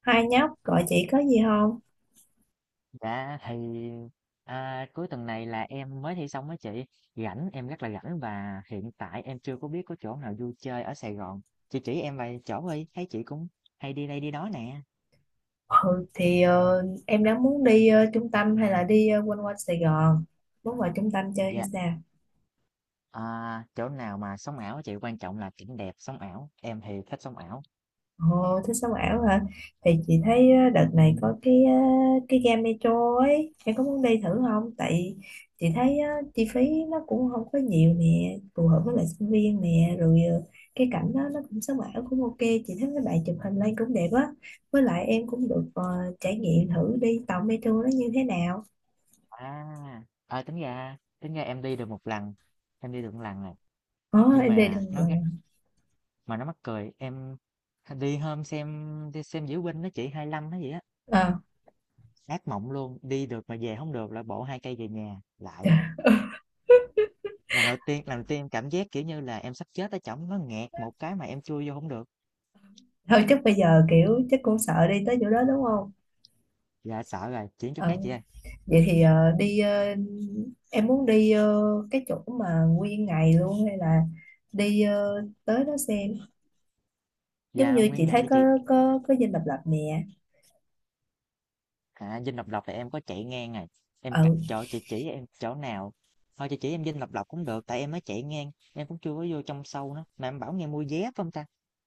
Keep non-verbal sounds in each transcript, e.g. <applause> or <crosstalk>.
Hai nhóc gọi chị có gì không? Dạ thì, à, cuối tuần này là em mới thi xong á chị, rảnh em rất là rảnh và hiện tại em chưa có biết có chỗ nào vui chơi ở Sài Gòn. Chị chỉ em vài chỗ đi, thấy chị cũng hay đi đây đi đó nè. Em đã muốn đi trung tâm hay là đi quanh quanh Sài Gòn muốn vào trung tâm chơi hay Dạ, sao? à, chỗ nào mà sống ảo á chị quan trọng là cảnh đẹp sống ảo. Em thì thích sống ảo. Ồ, thích sống ảo hả? Thì chị thấy đợt này có cái ga metro ấy, em có muốn đi thử không? Tại chị thấy chi phí nó cũng không có nhiều nè, phù hợp với lại sinh viên nè, rồi cái cảnh đó nó cũng sống ảo cũng ok. Chị thấy mấy bạn chụp hình lên cũng đẹp á, với lại em cũng được trải nghiệm thử đi tàu metro nó như thế nào. À, à tính ra em đi được một lần, em đi được một lần này. Có Nhưng em đi đâu mà nó gắt mà. mà nó mắc cười, em đi hôm xem đi xem diễu binh đó chị 25 nó vậy á. Ờ, Ác mộng luôn, đi được mà về không được là bổ 2 cây về nhà lại. trời. Lần đầu tiên em cảm giác, kiểu như là, em sắp chết ở trỏng nó nghẹt một cái mà em chui vô không được. Thôi chắc bây giờ kiểu chắc cũng sợ đi tới chỗ đó đúng không. Dạ sợ rồi, chuyển chỗ Ờ, khác chị ơi. vậy thì em muốn đi cái chỗ mà nguyên ngày luôn, hay là đi tới đó xem, giống Dạ như nguyên chị thấy ngày đi có chị, có dinh độc lập nè. à, Dinh Độc Lập thì em có chạy ngang này em c Ừ. chỗ chị chỉ em chỗ nào? Thôi chị chỉ em Dinh Độc Lập cũng được, tại em mới chạy ngang, em cũng chưa có vô trong sâu nữa, mà em bảo nghe mua vé phải hông ta?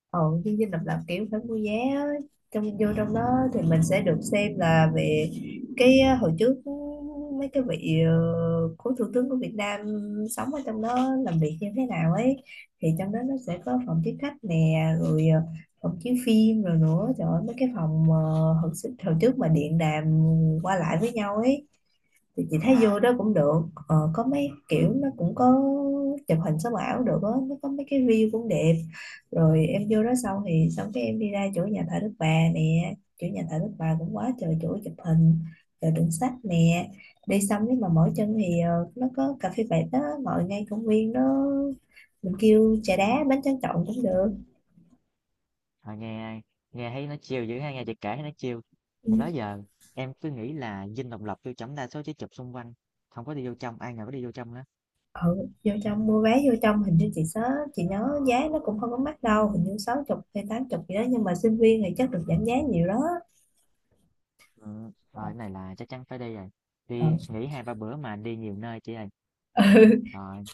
Ồ, chương trình độc lập kiểu phải mua vé á. Trong vô trong đó thì mình sẽ được xem là về cái hồi trước mấy cái vị cố thủ tướng của Việt Nam sống ở trong đó làm việc như thế nào ấy. Thì trong đó nó sẽ có phòng tiếp khách nè, rồi phòng chiếu phim, rồi nữa trời ơi mấy cái phòng hồi trước mà điện đàm qua lại với nhau ấy, thì chị thấy Dạ, vô đó cũng được. Có mấy kiểu nó cũng có chụp hình sống ảo được á, nó có mấy cái view cũng đẹp. Rồi em vô đó xong thì xong cái em đi ra chỗ nhà thờ Đức Bà nè, chỗ nhà thờ Đức Bà cũng quá trời chỗ chụp hình, rồi đựng sách nè. Đi xong nếu mà mỏi chân thì nó có cà phê vạt đó ngồi ngay công viên đó, mình kêu trà ừm. đá bánh tráng trộn cũng được. Ờ, nghe nghe thấy nó chiều dữ ha, nghe chị kể thấy nó chiều. Thì đó Ừ. giờ em cứ nghĩ là dinh độc lập tiêu chấm đa số chỉ chụp xung quanh, không có đi vô trong, ai ngờ có đi vô trong đó. Ừ, vô trong mua vé vô trong hình như chị nhớ, chị nhớ giá nó cũng không có mắc đâu, hình như sáu chục hay tám chục gì đó, nhưng mà sinh viên thì chắc được giảm giá nhiều đó. Ừ, rồi cái này là chắc chắn phải đi rồi. Ừ. Đi nghỉ hai ba bữa mà đi nhiều nơi chị ơi. <laughs> Rồi,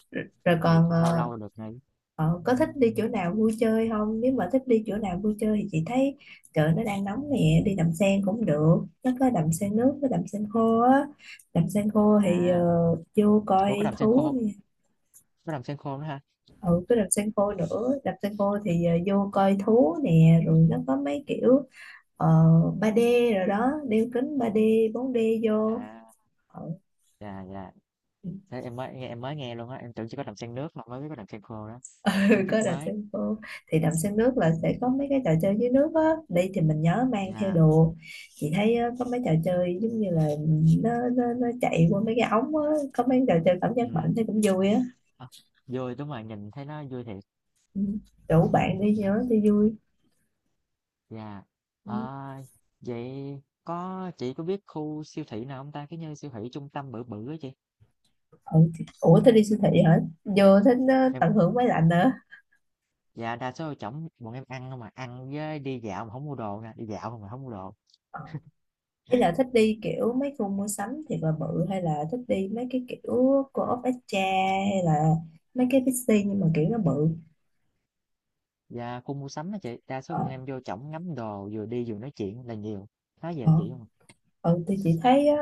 Rồi nghỉ, còn lâu lâu được nghỉ. Có thích đi chỗ nào vui chơi không? Nếu mà thích đi chỗ nào vui chơi thì chị thấy trời nó đang nóng nè, đi đầm sen cũng được, nó có đầm sen nước với đầm sen khô á. Đầm sen khô thì À, vô ủa có coi đầm sen thú khô, nè. có đầm sen khô nữa ha. Ừ, cái đầm sen khô nữa, đầm sen khô thì vô coi thú nè, rồi nó có mấy kiểu ờ, 3D rồi đó, đeo kính ba d bốn d vô. À, Ờ, dạ dạ. Thế em mới nghe luôn á, em tưởng chỉ có đầm sen nước mà mới biết có đầm sen khô đó. Kiến <laughs> thức có đầm mới. sen khô. Thì đầm sen nước là sẽ có mấy cái trò chơi dưới nước á, đi thì mình nhớ mang theo Dạ. đồ. Chị thấy á, có mấy trò chơi giống như là nó chạy qua mấy cái ống á, có mấy trò chơi cảm giác Ừ. mạnh thì cũng vui á. Ờ, vui đúng rồi, nhìn thấy nó vui thiệt. Ừ, rủ bạn <laughs> đi nhớ thì vui. Dạ. Ừ. Ờ, vậy có chị có biết khu siêu thị nào hông ta? Cái như siêu thị trung tâm bự bự á chị. Ừ, ủa thế đi siêu thị hả, vô thích Em tận hưởng máy lạnh nữa. dạ, đa số trỏng bọn em ăn hông à, ăn với đi dạo mà không mua đồ nè, đi dạo không mà không mua đồ. Ờ. Thế là thích đi kiểu mấy khu mua sắm thiệt là bự, hay là thích đi mấy cái kiểu Co-op Extra hay là mấy cái Bixi nhưng mà kiểu nó bự. Dạ, khu mua sắm á chị, đa số Ờ. bọn em vô trỏng ngắm đồ, vừa đi vừa nói chuyện là nhiều. Nói vậy Ờ. chị hông à? Ừ thì chị thấy á,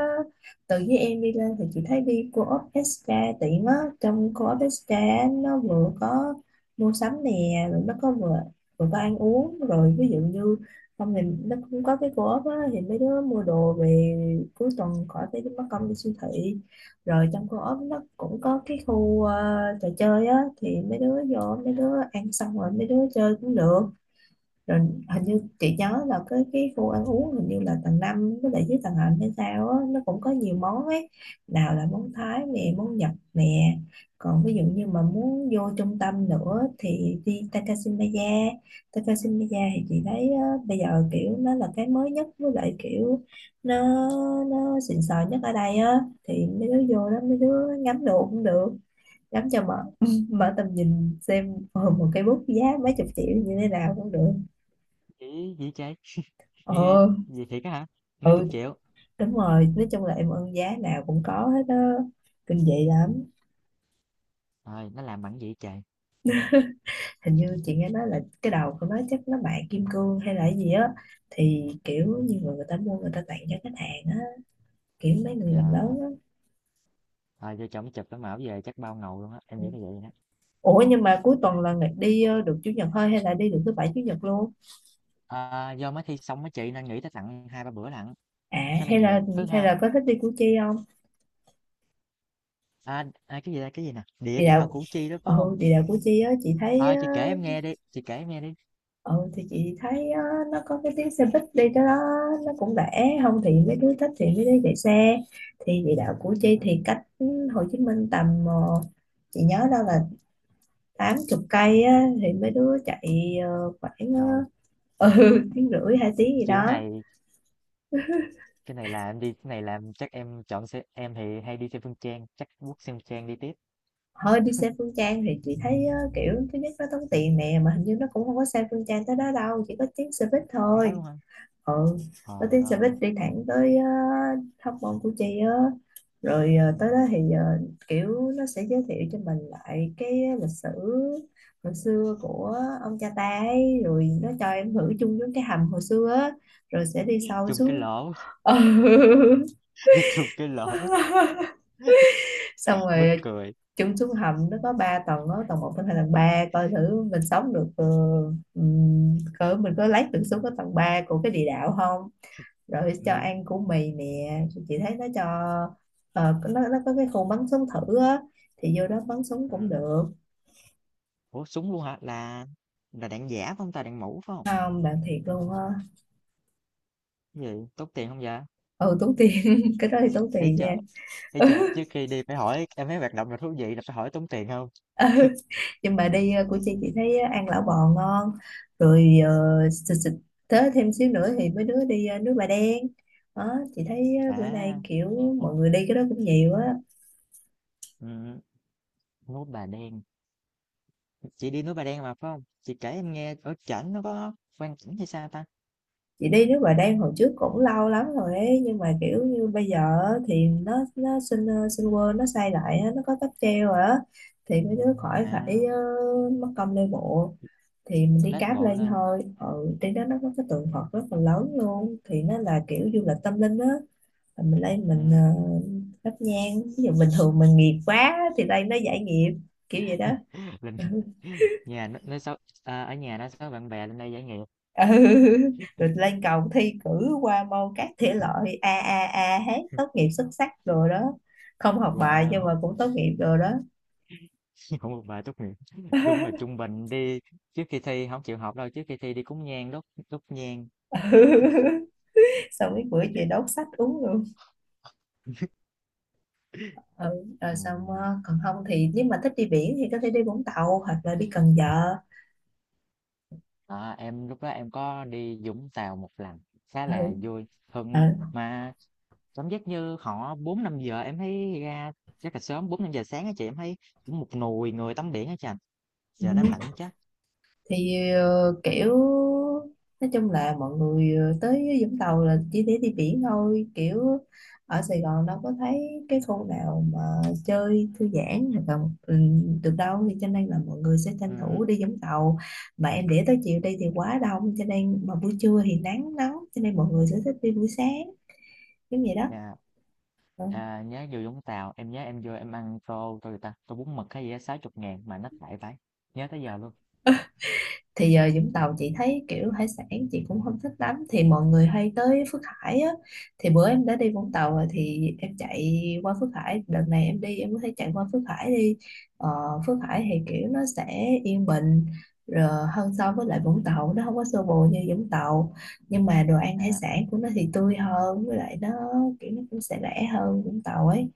từ với em đi lên thì chị thấy đi co-op SK tiện á. Trong co-op SK á, nó vừa có mua sắm nè, rồi nó có vừa vừa có ăn uống, rồi ví dụ như không thì nó cũng có cái co-op á, thì mấy đứa mua đồ về cuối tuần khỏi phải mất công đi siêu thị. Rồi trong co-op nó cũng có cái khu trò chơi á, thì mấy đứa vô mấy đứa Dạ. ăn xong rồi mấy đứa chơi cũng được. Rồi hình như Ừm, chị nhớ là cái khu ăn uống hình như là tầng 5 với lại dưới tầng hầm hay sao á, nó cũng có nhiều món ấy, nào là món Thái nè món Nhật nè. Còn ví dụ như mà muốn vô trung tâm nữa thì đi Takashimaya. Takashimaya thì chị thấy á, bây giờ kiểu nó là cái mới nhất với lại kiểu nó nó xịn sò nhất ở đây á, thì mấy đứa vô đó mấy đứa ngắm đồ cũng được, ngắm cho mở <laughs> mở tầm nhìn xem. <laughs> Ờ, Một cây bút giá mấy chục triệu như thế nào cũng được. chỉ gì trời? <laughs> Nghe ghê, Ờ. vậy thiệt á hả? Mấy chục Ừ triệu? đúng rồi, nói chung là em ơn giá nào cũng có hết đó, kinh dị lắm. Rồi nó làm bằng gì vậy trời? Hình như chị nghe nói là cái đầu của nó chắc nó bạc kim cương hay là cái gì á, thì kiểu như người ta mua người ta tặng cho khách hàng á, kiểu mấy người làm lớn Ờ, á. vô trỏng chụp cái mẫu về chắc bao ngầu luôn á, em Ừ. nghĩ là vậy đó. Ủa nhưng mà cuối tuần là được chủ nhật thôi hay là đi được thứ bảy chủ nhật luôn? À, do mới thi xong á chị, nên nghĩ tới tặng hai ba bữa lận, À, khá là hay là nhiều. Thứ hay Hai, là có thích đi Củ Chi không? à, à, cái gì đây, cái gì nè, địa Địa đạo đạo. Củ Chi đó phải Ừ, không? địa đạo Củ Chi á chị thấy. Ờ, chị kể em nghe đi, chị kể em nghe đi. Ừ thì chị thấy á, nó có cái tiếng xe buýt đi tới đó, nó cũng rẻ, không thì mấy đứa thích thì mấy đứa chạy xe. Thì địa đạo Củ Chi Ừ, thì cách Hồ Chí Minh tầm chị nhớ đâu là tám chục cây á, thì mấy đứa chạy khoảng rồi, ờ, <laughs> ừ, tiếng rưỡi hai tiếng gì kiểu đó. này, cái này là em đi, cái này là em- chắc em chọn xe, em thì hay đi xe Phương Trang, chắc quốc xe Phương Trang đi tiếp. Hơi đi xe Phương Trang thì chị thấy kiểu thứ nhất nó tốn tiền nè, mà hình như nó cũng không có xe Phương Trang tới đó đâu, chỉ có tiếng xe buýt Em có thôi. luôn không? Ừ, có Trời tiếng xe buýt ơi, đi thẳng tới Hóc Môn Củ Chi á. Rồi tới đó ừ. thì kiểu nó sẽ giới thiệu cho mình lại cái lịch sử hồi xưa của ông cha ta ấy, rồi nó cho em thử chung với cái hầm hồi xưa á, rồi sẽ đi sâu Chung cái xuống. lỗ, Ừ. <laughs> chung cái lỗ, <laughs> Xong <laughs> mắc rồi cười. chung xuống hầm nó có 3 tầng đó, tầng một, tầng 2, tầng 3, coi thử mình sống được cỡ mình có lấy được xuống cái tầng 3 của cái địa đạo không. Rồi cho Ừ. ăn củ mì nè, chị thấy nó cho nó có cái khu bắn súng thử á, thì vô đó bắn súng Ừ. cũng được. Ủa, súng luôn hả? Là đạn giả phải không ta, đạn mũ phải không? Không, bạn thiệt luôn á. Cái gì, tốn tiền không vậy? Ừ tốn tiền, <laughs> cái đó thì tốn Thấy tiền chưa? nha. Thế chờ <laughs> trước khi đi phải hỏi em thấy hoạt động nào thú vị là phải hỏi tốn tiền không? Ừ, nhưng mà đi của chị thấy ăn lẩu bò ngon, rồi xịt xịt tới thêm xíu nữa thì mấy đứa đi nước bà đen đó, chị thấy bữa À, nay kiểu ô, mọi người đi cái đó cũng nhiều á. ừm, núi Bà Đen, chị đi núi Bà Đen mà, phải không? Chị kể em nghe ở trển nó có quan cảnh hay sao ta? Chị đi nước ngoài Đan hồi trước cũng lâu lắm rồi ấy, nhưng mà kiểu như bây giờ thì nó xin xin quên nó xây lại á, nó có cáp treo rồi á, thì mấy đứa khỏi phải À, mất công lên bộ, thì mình đi lết cáp bộ lên lên, thôi. Ừ, trên đó nó có cái tượng Phật rất là lớn luôn, thì nó là kiểu du lịch tâm linh á. Rồi mình lên mình ừm, thắp nhang, ví dụ bình thường mình nghiệp quá thì đây nó giải nghiệp, kiểu vậy đó. <laughs> lên nhà nó xấu à, ở nhà nó xấu bạn bè lên đây giải nghiệp. Ừ, rồi lên cầu thi cử qua môn các thể loại a a a hết, tốt nghiệp xuất sắc rồi đó, không học bài nhưng Wow! mà cũng tốt nghiệp rồi đó. <laughs> không một bài tốt nghiệp, đúng là <laughs> trung bình đi, trước khi thi không chịu học đâu, trước khi thi đi cúng nhang, đốt đốt nhang. Ừ. Xong cái bữa chị đốt sách uống luôn. <laughs> Ừ. Rồi xong Ừm. Còn không thì nếu mà thích đi biển thì có thể đi Vũng Tàu hoặc là đi Cần Giờ. À, em lúc đó em có đi Vũng Tàu một lần khá là Ừ. vui hơn Ừ. mà cảm giác như họ bốn năm giờ em thấy ra rất là sớm bốn năm giờ sáng á chị em thấy cũng một nùi người tắm biển á chị Ừ. giờ đó em lạnh chết Thì kiểu nói chung là mọi người tới Vũng Tàu là chỉ để đi biển thôi, kiểu ở Sài Gòn đâu có thấy cái khu nào mà chơi thư giãn hoặc là được đâu, thì cho nên là mọi người sẽ tranh ừ, thủ đi Vũng Tàu. Mà em để tới chiều đi thì quá đông, cho nên mà buổi trưa thì nắng nóng, cho nên mọi người sẽ thích đi buổi sáng giống vậy đó. dạ. Ờ. À, nhớ vô Vũng Tàu em nhớ em vô em ăn tô tô gì ta tô bún mực hay gì á sáu chục ngàn mà nó lại phải nhớ tới giờ luôn. Thì giờ Vũng Tàu chị thấy kiểu hải sản chị cũng không thích lắm, thì mọi người hay tới Phước Hải á, thì bữa em đã đi Vũng Tàu rồi thì em chạy qua Phước Hải, đợt này em đi em có thể chạy qua Phước Hải đi. ờ, Phước Hải thì kiểu nó sẽ yên bình rồi, hơn so với lại Vũng Tàu, nó không có xô bồ như Vũng Tàu, nhưng mà đồ ăn hải À, sản của nó thì tươi hơn, với lại kiểu nó cũng sẽ rẻ hơn Vũng Tàu ấy.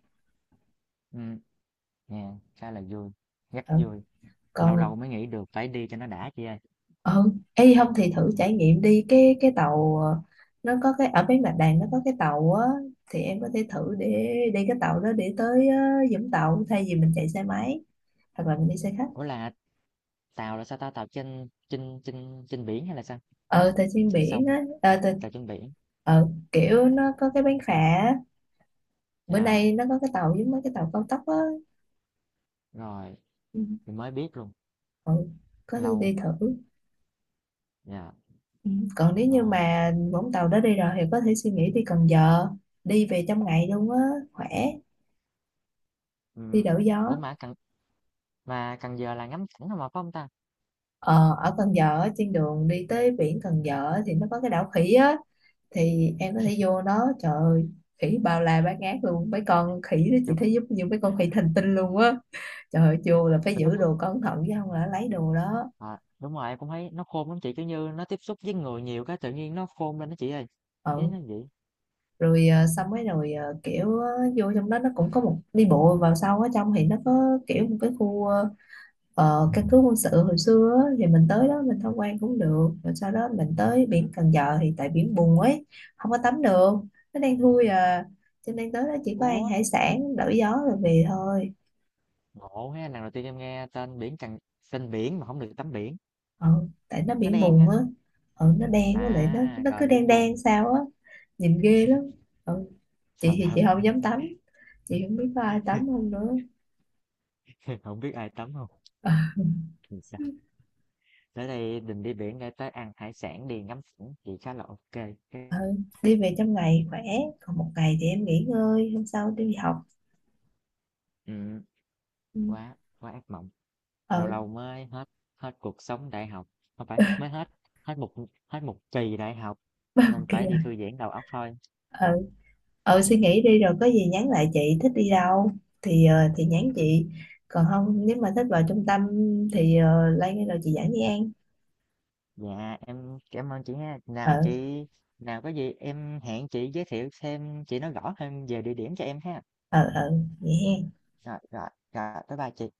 ừ, dạ, khá là vui rất Ừ. vui lâu Còn lâu mới nghĩ được phải đi cho nó đã chị ơi. ừ, Ê không thì thử trải nghiệm đi cái tàu nó có cái ở bên Bạch Đằng nó có cái tàu á, thì em có thể thử để đi cái tàu đó để tới Vũng Tàu thay vì mình chạy xe máy hoặc là mình đi xe khách. Ủa là tàu là sao ta? Tàu trên trên trên trên biển hay là sao? Ờ tại trên Trên biển sông? á, À, tàu trên biển. ờ, kiểu nó có cái bán phà á. Bữa Dạ, nay nó có cái tàu giống mấy cái tàu cao tốc á. rồi, Ừ, mình mới biết luôn, ừ, có thể lâu. đi thử. Dạ, Ừ. Còn nếu như ờ, mà Vũng Tàu đó đi rồi thì có thể suy nghĩ đi Cần Giờ, đi về trong ngày luôn á, khỏe, đi ừm, đổi gió. ủa mà Cần Giờ là ngắm cảnh không mà, phải không ta? Ờ, ở Cần Giờ á, trên đường đi tới biển Cần Giờ á, thì nó có cái đảo khỉ á, thì em có thể vô đó, trời ơi khỉ bao la bát ngát luôn, mấy con khỉ đó chị Kiểu, thấy giống như mấy con khỉ thành tinh luôn á. Trời ơi, vô là phải tụi nó giữ đồ cẩn thận chứ không là lấy đồ đó. ờ, đúng rồi, em cũng thấy nó khôn lắm chị, kiểu như nó tiếp xúc với người nhiều cái tự nhiên nó khôn lên đó chị ơi. Với Ừ nó vậy. rồi ờ, xong mấy rồi ờ, kiểu ờ, vô trong đó nó cũng có một đi bộ vào sau ở trong, thì nó có kiểu một cái khu ờ, căn cứ quân sự hồi xưa á, thì mình tới đó mình tham quan cũng được, rồi sau đó mình tới biển Ừm. Cần Giờ thì tại biển bùn ấy, không có tắm được, nó đang thui à, cho nên tới đó chỉ có ăn Ủa, hải sản đổi gió rồi về thôi. ngộ ha, lần đầu tiên em nghe tên biển mà không được tắm biển, Ờ, tại nó nó biển đen bùn ha. á. Ờ, nó đen, với lại nó À, nó rồi cứ đen biển đen vùng. sao á, nhìn ghê lắm. ờ, chị Trời thì chị ơi, không dám tắm, chị không biết có ai tắm không nữa. <laughs> không biết ai tắm không? Tới đây mình đi biển để tới ăn hải sản đi ngắm cảnh thì khá là ok. Ờ, Cái- đi về trong ngày khỏe, còn một ngày thì em nghỉ ngơi hôm sau đi học. Ừ, Ừ. quá quá ác mộng. ờ Lâu lâu mới hết hết cuộc sống đại học, không phải mới hết hết một hết một kỳ đại học nên phải đi thư ok. giãn đầu óc thôi. Ờ, suy nghĩ đi rồi có gì nhắn lại, chị thích đi đâu thì thì nhắn chị, còn không nếu mà thích vào trung tâm thì Lan rồi chị dẫn đi ăn. Dạ em cảm ơn chị ha. ờ Nào chị nào có gì em hẹn chị giới thiệu thêm chị nói rõ hơn về địa điểm cho em ha. ờ ờ vậy ha. Rồi rồi rồi bye bye chị.